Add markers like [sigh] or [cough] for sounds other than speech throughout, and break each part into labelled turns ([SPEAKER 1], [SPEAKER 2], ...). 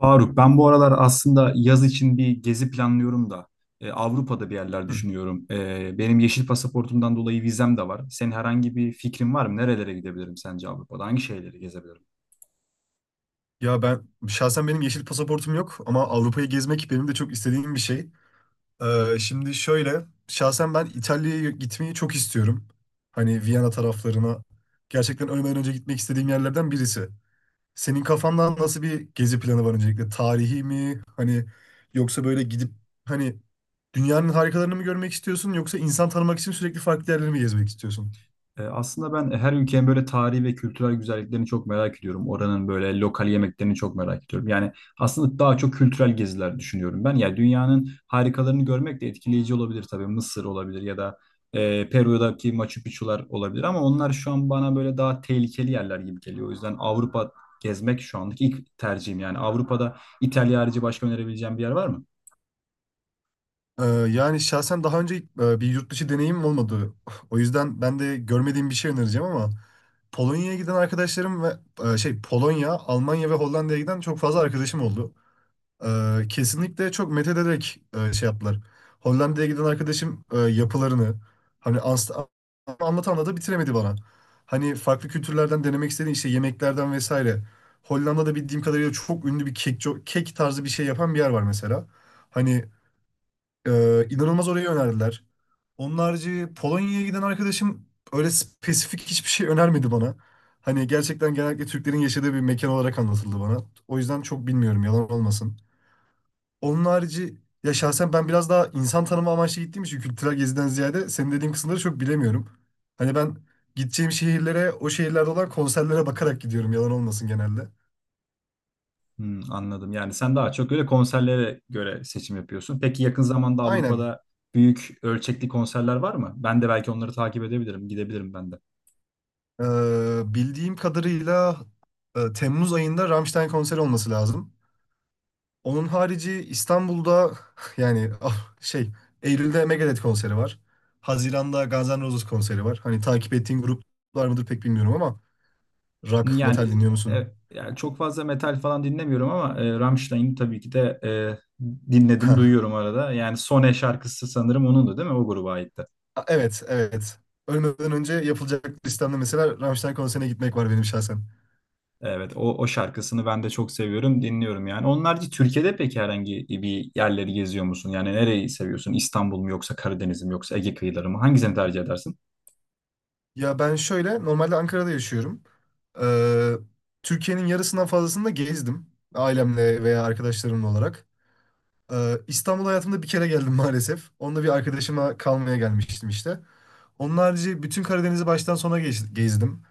[SPEAKER 1] Faruk, ben bu aralar aslında yaz için bir gezi planlıyorum da Avrupa'da bir yerler
[SPEAKER 2] Hı.
[SPEAKER 1] düşünüyorum. Benim yeşil pasaportumdan dolayı vizem de var. Senin herhangi bir fikrin var mı? Nerelere gidebilirim sence Avrupa'da? Hangi şehirleri gezebilirim?
[SPEAKER 2] Ya ben şahsen benim yeşil pasaportum yok ama Avrupa'yı gezmek benim de çok istediğim bir şey. Şimdi şöyle şahsen ben İtalya'ya gitmeyi çok istiyorum. Hani Viyana taraflarına gerçekten ölmeden önce gitmek istediğim yerlerden birisi. Senin kafandan nasıl bir gezi planı var öncelikle? Tarihi mi? Hani yoksa böyle gidip hani dünyanın harikalarını mı görmek istiyorsun yoksa insan tanımak için sürekli farklı yerleri mi gezmek istiyorsun?
[SPEAKER 1] Aslında ben her ülkenin böyle tarihi ve kültürel güzelliklerini çok merak ediyorum. Oranın böyle lokal yemeklerini çok merak ediyorum. Yani aslında daha çok kültürel geziler düşünüyorum ben. Yani dünyanın harikalarını görmek de etkileyici olabilir tabii. Mısır olabilir ya da Peru'daki Machu Picchu'lar olabilir. Ama onlar şu an bana böyle daha tehlikeli yerler gibi geliyor. O yüzden Avrupa gezmek şu andaki ilk tercihim. Yani Avrupa'da İtalya harici başka önerebileceğim bir yer var mı?
[SPEAKER 2] Yani şahsen daha önce bir yurt dışı deneyimim olmadı. [sighs] O yüzden ben de görmediğim bir şey önereceğim ama Polonya'ya giden arkadaşlarım ve şey Polonya, Almanya ve Hollanda'ya giden çok fazla arkadaşım oldu. Kesinlikle çok methederek şey yaptılar. Hollanda'ya giden arkadaşım yapılarını hani anlat anlata anlata bitiremedi bana. Hani farklı kültürlerden denemek istediğin işte yemeklerden vesaire. Hollanda'da bildiğim kadarıyla çok ünlü bir kek tarzı bir şey yapan bir yer var mesela. Hani inanılmaz orayı önerdiler. Onun harici Polonya'ya giden arkadaşım öyle spesifik hiçbir şey önermedi bana. Hani gerçekten genellikle Türklerin yaşadığı bir mekan olarak anlatıldı bana. O yüzden çok bilmiyorum yalan olmasın. Onun harici ya şahsen ben biraz daha insan tanıma amaçlı gittiğim için kültürel geziden ziyade senin dediğin kısımları çok bilemiyorum. Hani ben gideceğim şehirlere o şehirlerde olan konserlere bakarak gidiyorum yalan olmasın genelde.
[SPEAKER 1] Hmm, anladım. Yani sen daha çok öyle konserlere göre seçim yapıyorsun. Peki yakın zamanda
[SPEAKER 2] Aynen.
[SPEAKER 1] Avrupa'da büyük ölçekli konserler var mı? Ben de belki onları takip edebilirim, gidebilirim ben de.
[SPEAKER 2] Bildiğim kadarıyla Temmuz ayında Rammstein konseri olması lazım. Onun harici İstanbul'da [laughs] yani Eylül'de Megadeth konseri var. Haziran'da Guns N' Roses konseri var. Hani takip ettiğin gruplar mıdır pek bilmiyorum ama rock, metal
[SPEAKER 1] Yani,
[SPEAKER 2] dinliyor musun?
[SPEAKER 1] e, yani çok fazla metal falan dinlemiyorum ama Rammstein'i tabii ki de
[SPEAKER 2] [laughs]
[SPEAKER 1] dinledim,
[SPEAKER 2] Hah.
[SPEAKER 1] duyuyorum arada. Yani Sone şarkısı sanırım onundu değil mi? O gruba aitti.
[SPEAKER 2] Evet, evet. Ölmeden önce yapılacak listemde mesela Rammstein konserine gitmek var benim şahsen.
[SPEAKER 1] Evet, o şarkısını ben de çok seviyorum, dinliyorum yani. Onlarca Türkiye'de peki herhangi bir yerleri geziyor musun? Yani nereyi seviyorsun? İstanbul mu yoksa Karadeniz mi yoksa Ege kıyıları mı? Hangisini tercih edersin?
[SPEAKER 2] Ya ben şöyle, normalde Ankara'da yaşıyorum. Ee, Türkiye'nin yarısından fazlasını da gezdim. Ailemle veya arkadaşlarımla olarak. İstanbul hayatımda bir kere geldim maalesef. Onunla bir arkadaşıma kalmaya gelmiştim işte. Onun harici bütün Karadeniz'i baştan sona gezdim.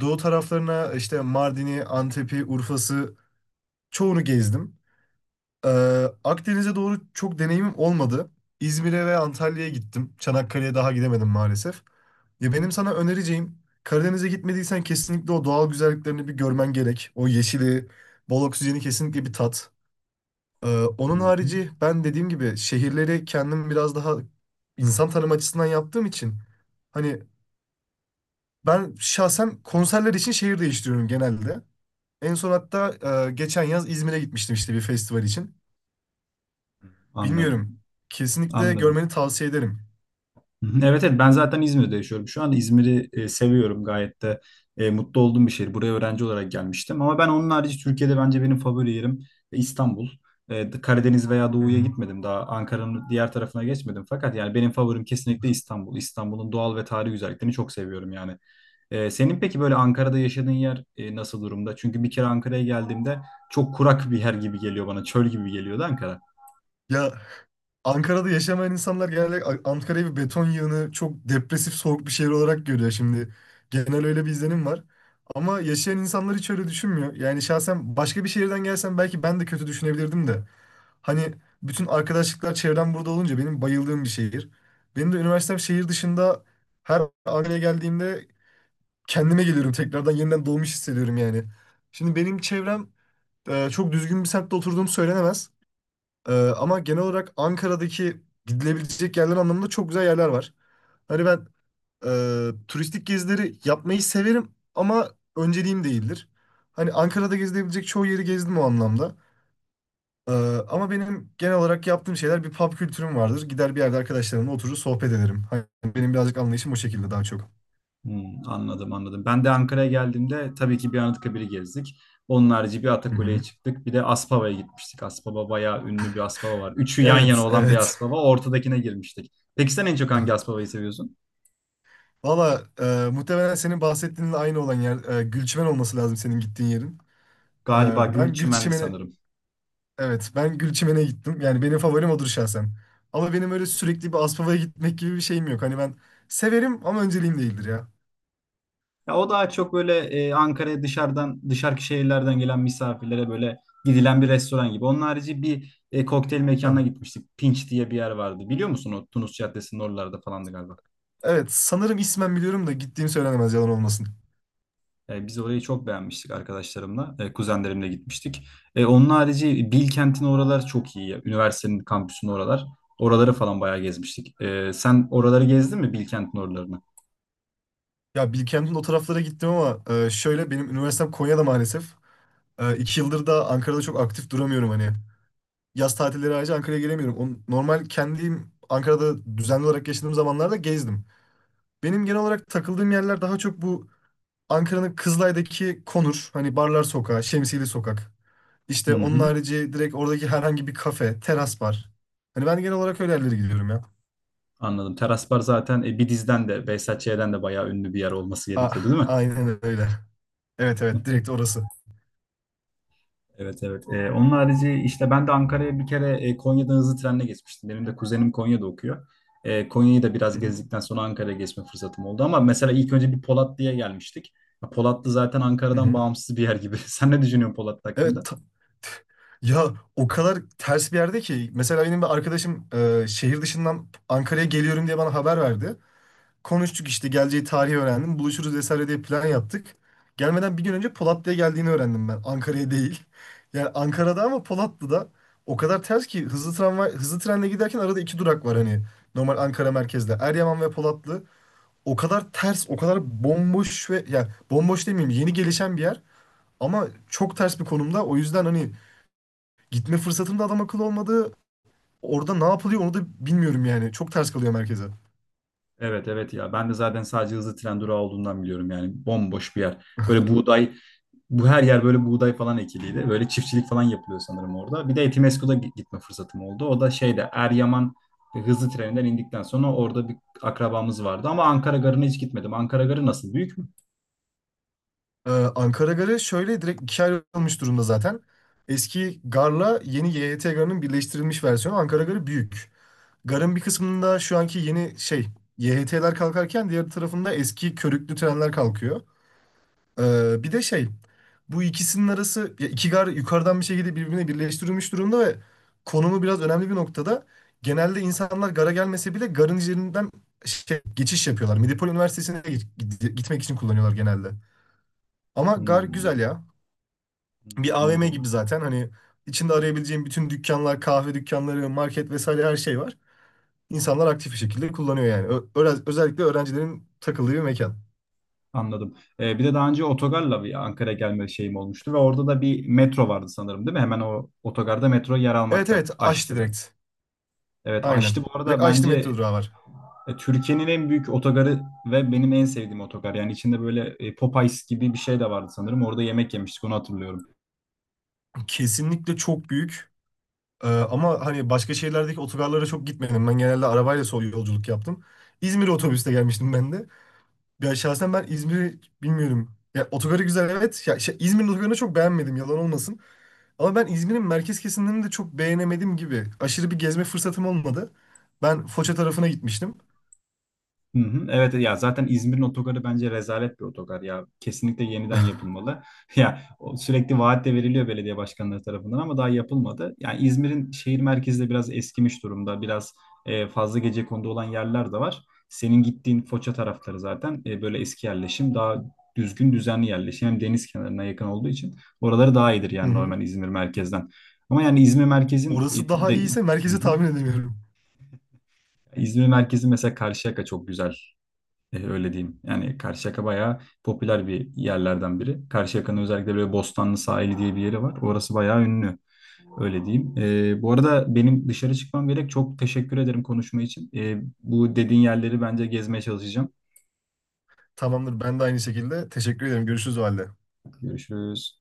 [SPEAKER 2] Doğu taraflarına işte Mardin'i, Antep'i, Urfa'sı çoğunu gezdim. Ee, Akdeniz'e doğru çok deneyimim olmadı. İzmir'e ve Antalya'ya gittim. Çanakkale'ye daha gidemedim maalesef. Ya benim sana önereceğim Karadeniz'e gitmediysen kesinlikle o doğal güzelliklerini bir görmen gerek. O yeşili, bol oksijeni kesinlikle bir tat. Ee,
[SPEAKER 1] Hı
[SPEAKER 2] onun
[SPEAKER 1] hı.
[SPEAKER 2] harici ben dediğim gibi şehirleri kendim biraz daha insan tanım açısından yaptığım için hani ben şahsen konserler için şehir değiştiriyorum genelde. En son hatta geçen yaz İzmir'e gitmiştim işte bir festival için.
[SPEAKER 1] Anladım.
[SPEAKER 2] Bilmiyorum. Kesinlikle
[SPEAKER 1] Anladım.
[SPEAKER 2] görmeni tavsiye ederim.
[SPEAKER 1] Hı hı. Evet, evet, ben zaten İzmir'de yaşıyorum. Şu anda İzmir'i seviyorum. Gayet de mutlu olduğum bir şehir. Buraya öğrenci olarak gelmiştim. Ama ben onun harici Türkiye'de bence benim favori yerim İstanbul. Karadeniz veya
[SPEAKER 2] Hı
[SPEAKER 1] Doğu'ya
[SPEAKER 2] hı.
[SPEAKER 1] gitmedim daha. Ankara'nın diğer tarafına geçmedim. Fakat yani benim favorim kesinlikle İstanbul. İstanbul'un doğal ve tarihi güzelliklerini çok seviyorum yani. Senin peki böyle Ankara'da yaşadığın yer nasıl durumda? Çünkü bir kere Ankara'ya geldiğimde çok kurak bir yer gibi geliyor bana. Çöl gibi geliyordu Ankara.
[SPEAKER 2] Ya Ankara'da yaşamayan insanlar genelde Ankara'yı bir beton yığını, çok depresif, soğuk bir şehir olarak görüyor şimdi. Genel öyle bir izlenim var. Ama yaşayan insanlar hiç öyle düşünmüyor. Yani şahsen başka bir şehirden gelsem belki ben de kötü düşünebilirdim de. Hani bütün arkadaşlıklar çevrem burada olunca benim bayıldığım bir şehir. Benim de üniversitem şehir dışında her Ankara'ya geldiğimde kendime geliyorum tekrardan yeniden doğmuş hissediyorum yani. Şimdi benim çevrem çok düzgün bir semtte oturduğum söylenemez. Ama genel olarak Ankara'daki gidilebilecek yerler anlamında çok güzel yerler var. Hani ben turistik gezileri yapmayı severim ama önceliğim değildir. Hani Ankara'da gezilebilecek çoğu yeri gezdim o anlamda. Ee, ama benim genel olarak yaptığım şeyler bir pub kültürüm vardır. Gider bir yerde arkadaşlarımla oturur sohbet ederim. Hani benim birazcık anlayışım o şekilde daha çok.
[SPEAKER 1] Hmm, anladım, anladım. Ben de Ankara'ya geldiğimde tabii ki bir Anıtkabir'i gezdik. Onun harici bir
[SPEAKER 2] Hı
[SPEAKER 1] Atakule'ye
[SPEAKER 2] hı.
[SPEAKER 1] çıktık. Bir de Aspava'ya gitmiştik. Aspava bayağı ünlü, bir Aspava var. Üçü yan yana
[SPEAKER 2] Evet,
[SPEAKER 1] olan bir
[SPEAKER 2] evet.
[SPEAKER 1] Aspava. Ortadakine girmiştik. Peki sen en çok hangi Aspava'yı seviyorsun?
[SPEAKER 2] [laughs] Valla muhtemelen senin bahsettiğinle aynı olan yer Gülçimen olması lazım senin gittiğin yerin. E,
[SPEAKER 1] Galiba
[SPEAKER 2] ben
[SPEAKER 1] Gülçimen'di
[SPEAKER 2] Gülçimen'i
[SPEAKER 1] sanırım.
[SPEAKER 2] Evet, ben Gülçimen'e gittim. Yani benim favorim odur şahsen. Ama benim öyle sürekli bir Aspava'ya gitmek gibi bir şeyim yok. Hani ben severim ama önceliğim değildir ya.
[SPEAKER 1] Ya o daha çok böyle Ankara'ya dışarıdan, dışarıki şehirlerden gelen misafirlere böyle gidilen bir restoran gibi. Onun harici bir kokteyl
[SPEAKER 2] Ha.
[SPEAKER 1] mekanına gitmiştik. Pinç diye bir yer vardı. Biliyor musun, o Tunus Caddesi'nin oralarda falandı galiba.
[SPEAKER 2] Evet, sanırım ismen biliyorum da gittiğim söylenemez yalan olmasın.
[SPEAKER 1] Biz orayı çok beğenmiştik arkadaşlarımla. Kuzenlerimle gitmiştik. Onun harici Bilkent'in oralar çok iyi ya. Üniversitenin kampüsünün oralar. Oraları falan bayağı gezmiştik. Sen oraları gezdin mi, Bilkent'in oralarını?
[SPEAKER 2] Ya Bilkent'in o taraflara gittim ama şöyle benim üniversitem Konya'da maalesef. İki yıldır da Ankara'da çok aktif duramıyorum hani. Yaz tatilleri ayrıca Ankara'ya gelemiyorum. O, normal kendim Ankara'da düzenli olarak yaşadığım zamanlarda gezdim. Benim genel olarak takıldığım yerler daha çok bu Ankara'nın Kızılay'daki Konur, hani Barlar Sokağı, Şemsiyeli Sokak.
[SPEAKER 1] Hı
[SPEAKER 2] İşte onun
[SPEAKER 1] hı.
[SPEAKER 2] harici direkt oradaki herhangi bir kafe, teras var. Hani ben genel olarak öyle yerlere gidiyorum ya.
[SPEAKER 1] Anladım. Teras Bar zaten Bidiz'den de, BSHC'den de bayağı ünlü bir yer olması
[SPEAKER 2] A
[SPEAKER 1] gerekiyordu değil mi?
[SPEAKER 2] aynen öyle. Evet evet direkt orası.
[SPEAKER 1] Evet, evet. Onun harici işte ben de Ankara'ya bir kere Konya'dan hızlı trenle geçmiştim. Benim de kuzenim Konya'da okuyor. Konya'yı da biraz
[SPEAKER 2] Hı hı.
[SPEAKER 1] gezdikten sonra Ankara'ya geçme fırsatım oldu. Ama mesela ilk önce bir Polatlı'ya gelmiştik. Ya, Polatlı zaten
[SPEAKER 2] Hı
[SPEAKER 1] Ankara'dan
[SPEAKER 2] hı.
[SPEAKER 1] bağımsız bir yer gibi. [laughs] Sen ne düşünüyorsun Polatlı
[SPEAKER 2] Evet
[SPEAKER 1] hakkında?
[SPEAKER 2] ya o kadar ters bir yerde ki mesela benim bir arkadaşım şehir dışından Ankara'ya geliyorum diye bana haber verdi. Konuştuk işte geleceği tarihi öğrendim. Buluşuruz vesaire diye plan yaptık. Gelmeden bir gün önce Polatlı'ya geldiğini öğrendim ben. Ankara'ya değil. [laughs] Yani Ankara'da ama Polatlı'da o kadar ters ki hızlı tramvay, hızlı trenle giderken arada iki durak var hani. Normal Ankara merkezde. Eryaman ve Polatlı. O kadar ters, o kadar bomboş ve yani bomboş demeyeyim yeni gelişen bir yer. Ama çok ters bir konumda. O yüzden hani gitme fırsatım da adam akıllı olmadı. Orada ne yapılıyor onu da bilmiyorum yani. Çok ters kalıyor merkeze.
[SPEAKER 1] Evet, evet, ya ben de zaten sadece hızlı tren durağı olduğundan biliyorum, yani bomboş bir yer. Böyle buğday, bu her yer böyle buğday falan ekiliydi. Böyle çiftçilik falan yapılıyor sanırım orada. Bir de Etimesgut'a gitme fırsatım oldu. O da şeyde Eryaman hızlı treninden indikten sonra orada bir akrabamız vardı. Ama Ankara Garı'na hiç gitmedim. Ankara Garı nasıl? Büyük mü?
[SPEAKER 2] Ankara Garı şöyle direkt ikiye ayrılmış durumda zaten. Eski garla yeni YHT garının birleştirilmiş versiyonu Ankara Garı büyük. Garın bir kısmında şu anki yeni şey YHT'ler kalkarken diğer tarafında eski körüklü trenler kalkıyor. Bir de şey bu ikisinin arası ya iki gar yukarıdan bir şekilde birbirine birleştirilmiş durumda ve konumu biraz önemli bir noktada. Genelde insanlar gara gelmese bile garın üzerinden şey, geçiş yapıyorlar. Medipol Üniversitesi'ne gitmek için kullanıyorlar genelde. Ama gar
[SPEAKER 1] Hmm,
[SPEAKER 2] güzel ya. Bir AVM gibi
[SPEAKER 1] anladım.
[SPEAKER 2] zaten hani içinde arayabileceğim bütün dükkanlar, kahve dükkanları, market vesaire her şey var. İnsanlar aktif bir şekilde kullanıyor yani. Özellikle öğrencilerin takıldığı bir mekan.
[SPEAKER 1] Anladım. Bir de daha önce otogarla bir Ankara'ya gelme şeyim olmuştu ve orada da bir metro vardı sanırım değil mi? Hemen o otogarda metro yer
[SPEAKER 2] Evet
[SPEAKER 1] almakta.
[SPEAKER 2] evet açtı
[SPEAKER 1] Aşçı'da.
[SPEAKER 2] direkt.
[SPEAKER 1] Evet,
[SPEAKER 2] Aynen.
[SPEAKER 1] Aşçı bu arada
[SPEAKER 2] Direkt açtı metro
[SPEAKER 1] bence
[SPEAKER 2] durağı var.
[SPEAKER 1] Türkiye'nin en büyük otogarı ve benim en sevdiğim otogar. Yani içinde böyle Popeyes gibi bir şey de vardı sanırım. Orada yemek yemiştik, onu hatırlıyorum.
[SPEAKER 2] Kesinlikle çok büyük. Ama hani başka şehirlerdeki otogarlara çok gitmedim. Ben genelde arabayla sol yolculuk yaptım. İzmir otobüste gelmiştim ben de. Ya şahsen ben İzmir'i bilmiyorum. Ya otogarı güzel evet. İzmir'in otogarını çok beğenmedim yalan olmasın. Ama ben İzmir'in merkez kesimlerini de çok beğenemedim gibi. Aşırı bir gezme fırsatım olmadı. Ben Foça tarafına gitmiştim.
[SPEAKER 1] Hı hı. Evet ya, zaten İzmir'in otogarı bence rezalet bir otogar ya. Kesinlikle yeniden yapılmalı. [laughs] Ya o sürekli vaat de veriliyor belediye başkanları tarafından ama daha yapılmadı. Yani İzmir'in şehir merkezi de biraz eskimiş durumda. Biraz fazla gecekondu olan yerler de var. Senin gittiğin Foça tarafları zaten böyle eski yerleşim, daha düzgün düzenli yerleşim. Hem deniz kenarına yakın olduğu için oraları daha iyidir
[SPEAKER 2] Hı
[SPEAKER 1] yani
[SPEAKER 2] hı.
[SPEAKER 1] normal İzmir merkezden. Ama yani İzmir merkezin
[SPEAKER 2] Orası daha
[SPEAKER 1] de,
[SPEAKER 2] iyiyse
[SPEAKER 1] hı
[SPEAKER 2] merkezi
[SPEAKER 1] hı.
[SPEAKER 2] tahmin edemiyorum.
[SPEAKER 1] İzmir merkezi mesela Karşıyaka çok güzel. Öyle diyeyim. Yani Karşıyaka bayağı popüler bir yerlerden biri. Karşıyaka'nın özellikle böyle Bostanlı Sahili diye bir yeri var. Orası bayağı ünlü. Öyle diyeyim. Bu arada benim dışarı çıkmam gerek. Çok teşekkür ederim konuşma için. Bu dediğin yerleri bence gezmeye çalışacağım.
[SPEAKER 2] Tamamdır. Ben de aynı şekilde. Teşekkür ederim. Görüşürüz o halde.
[SPEAKER 1] Görüşürüz.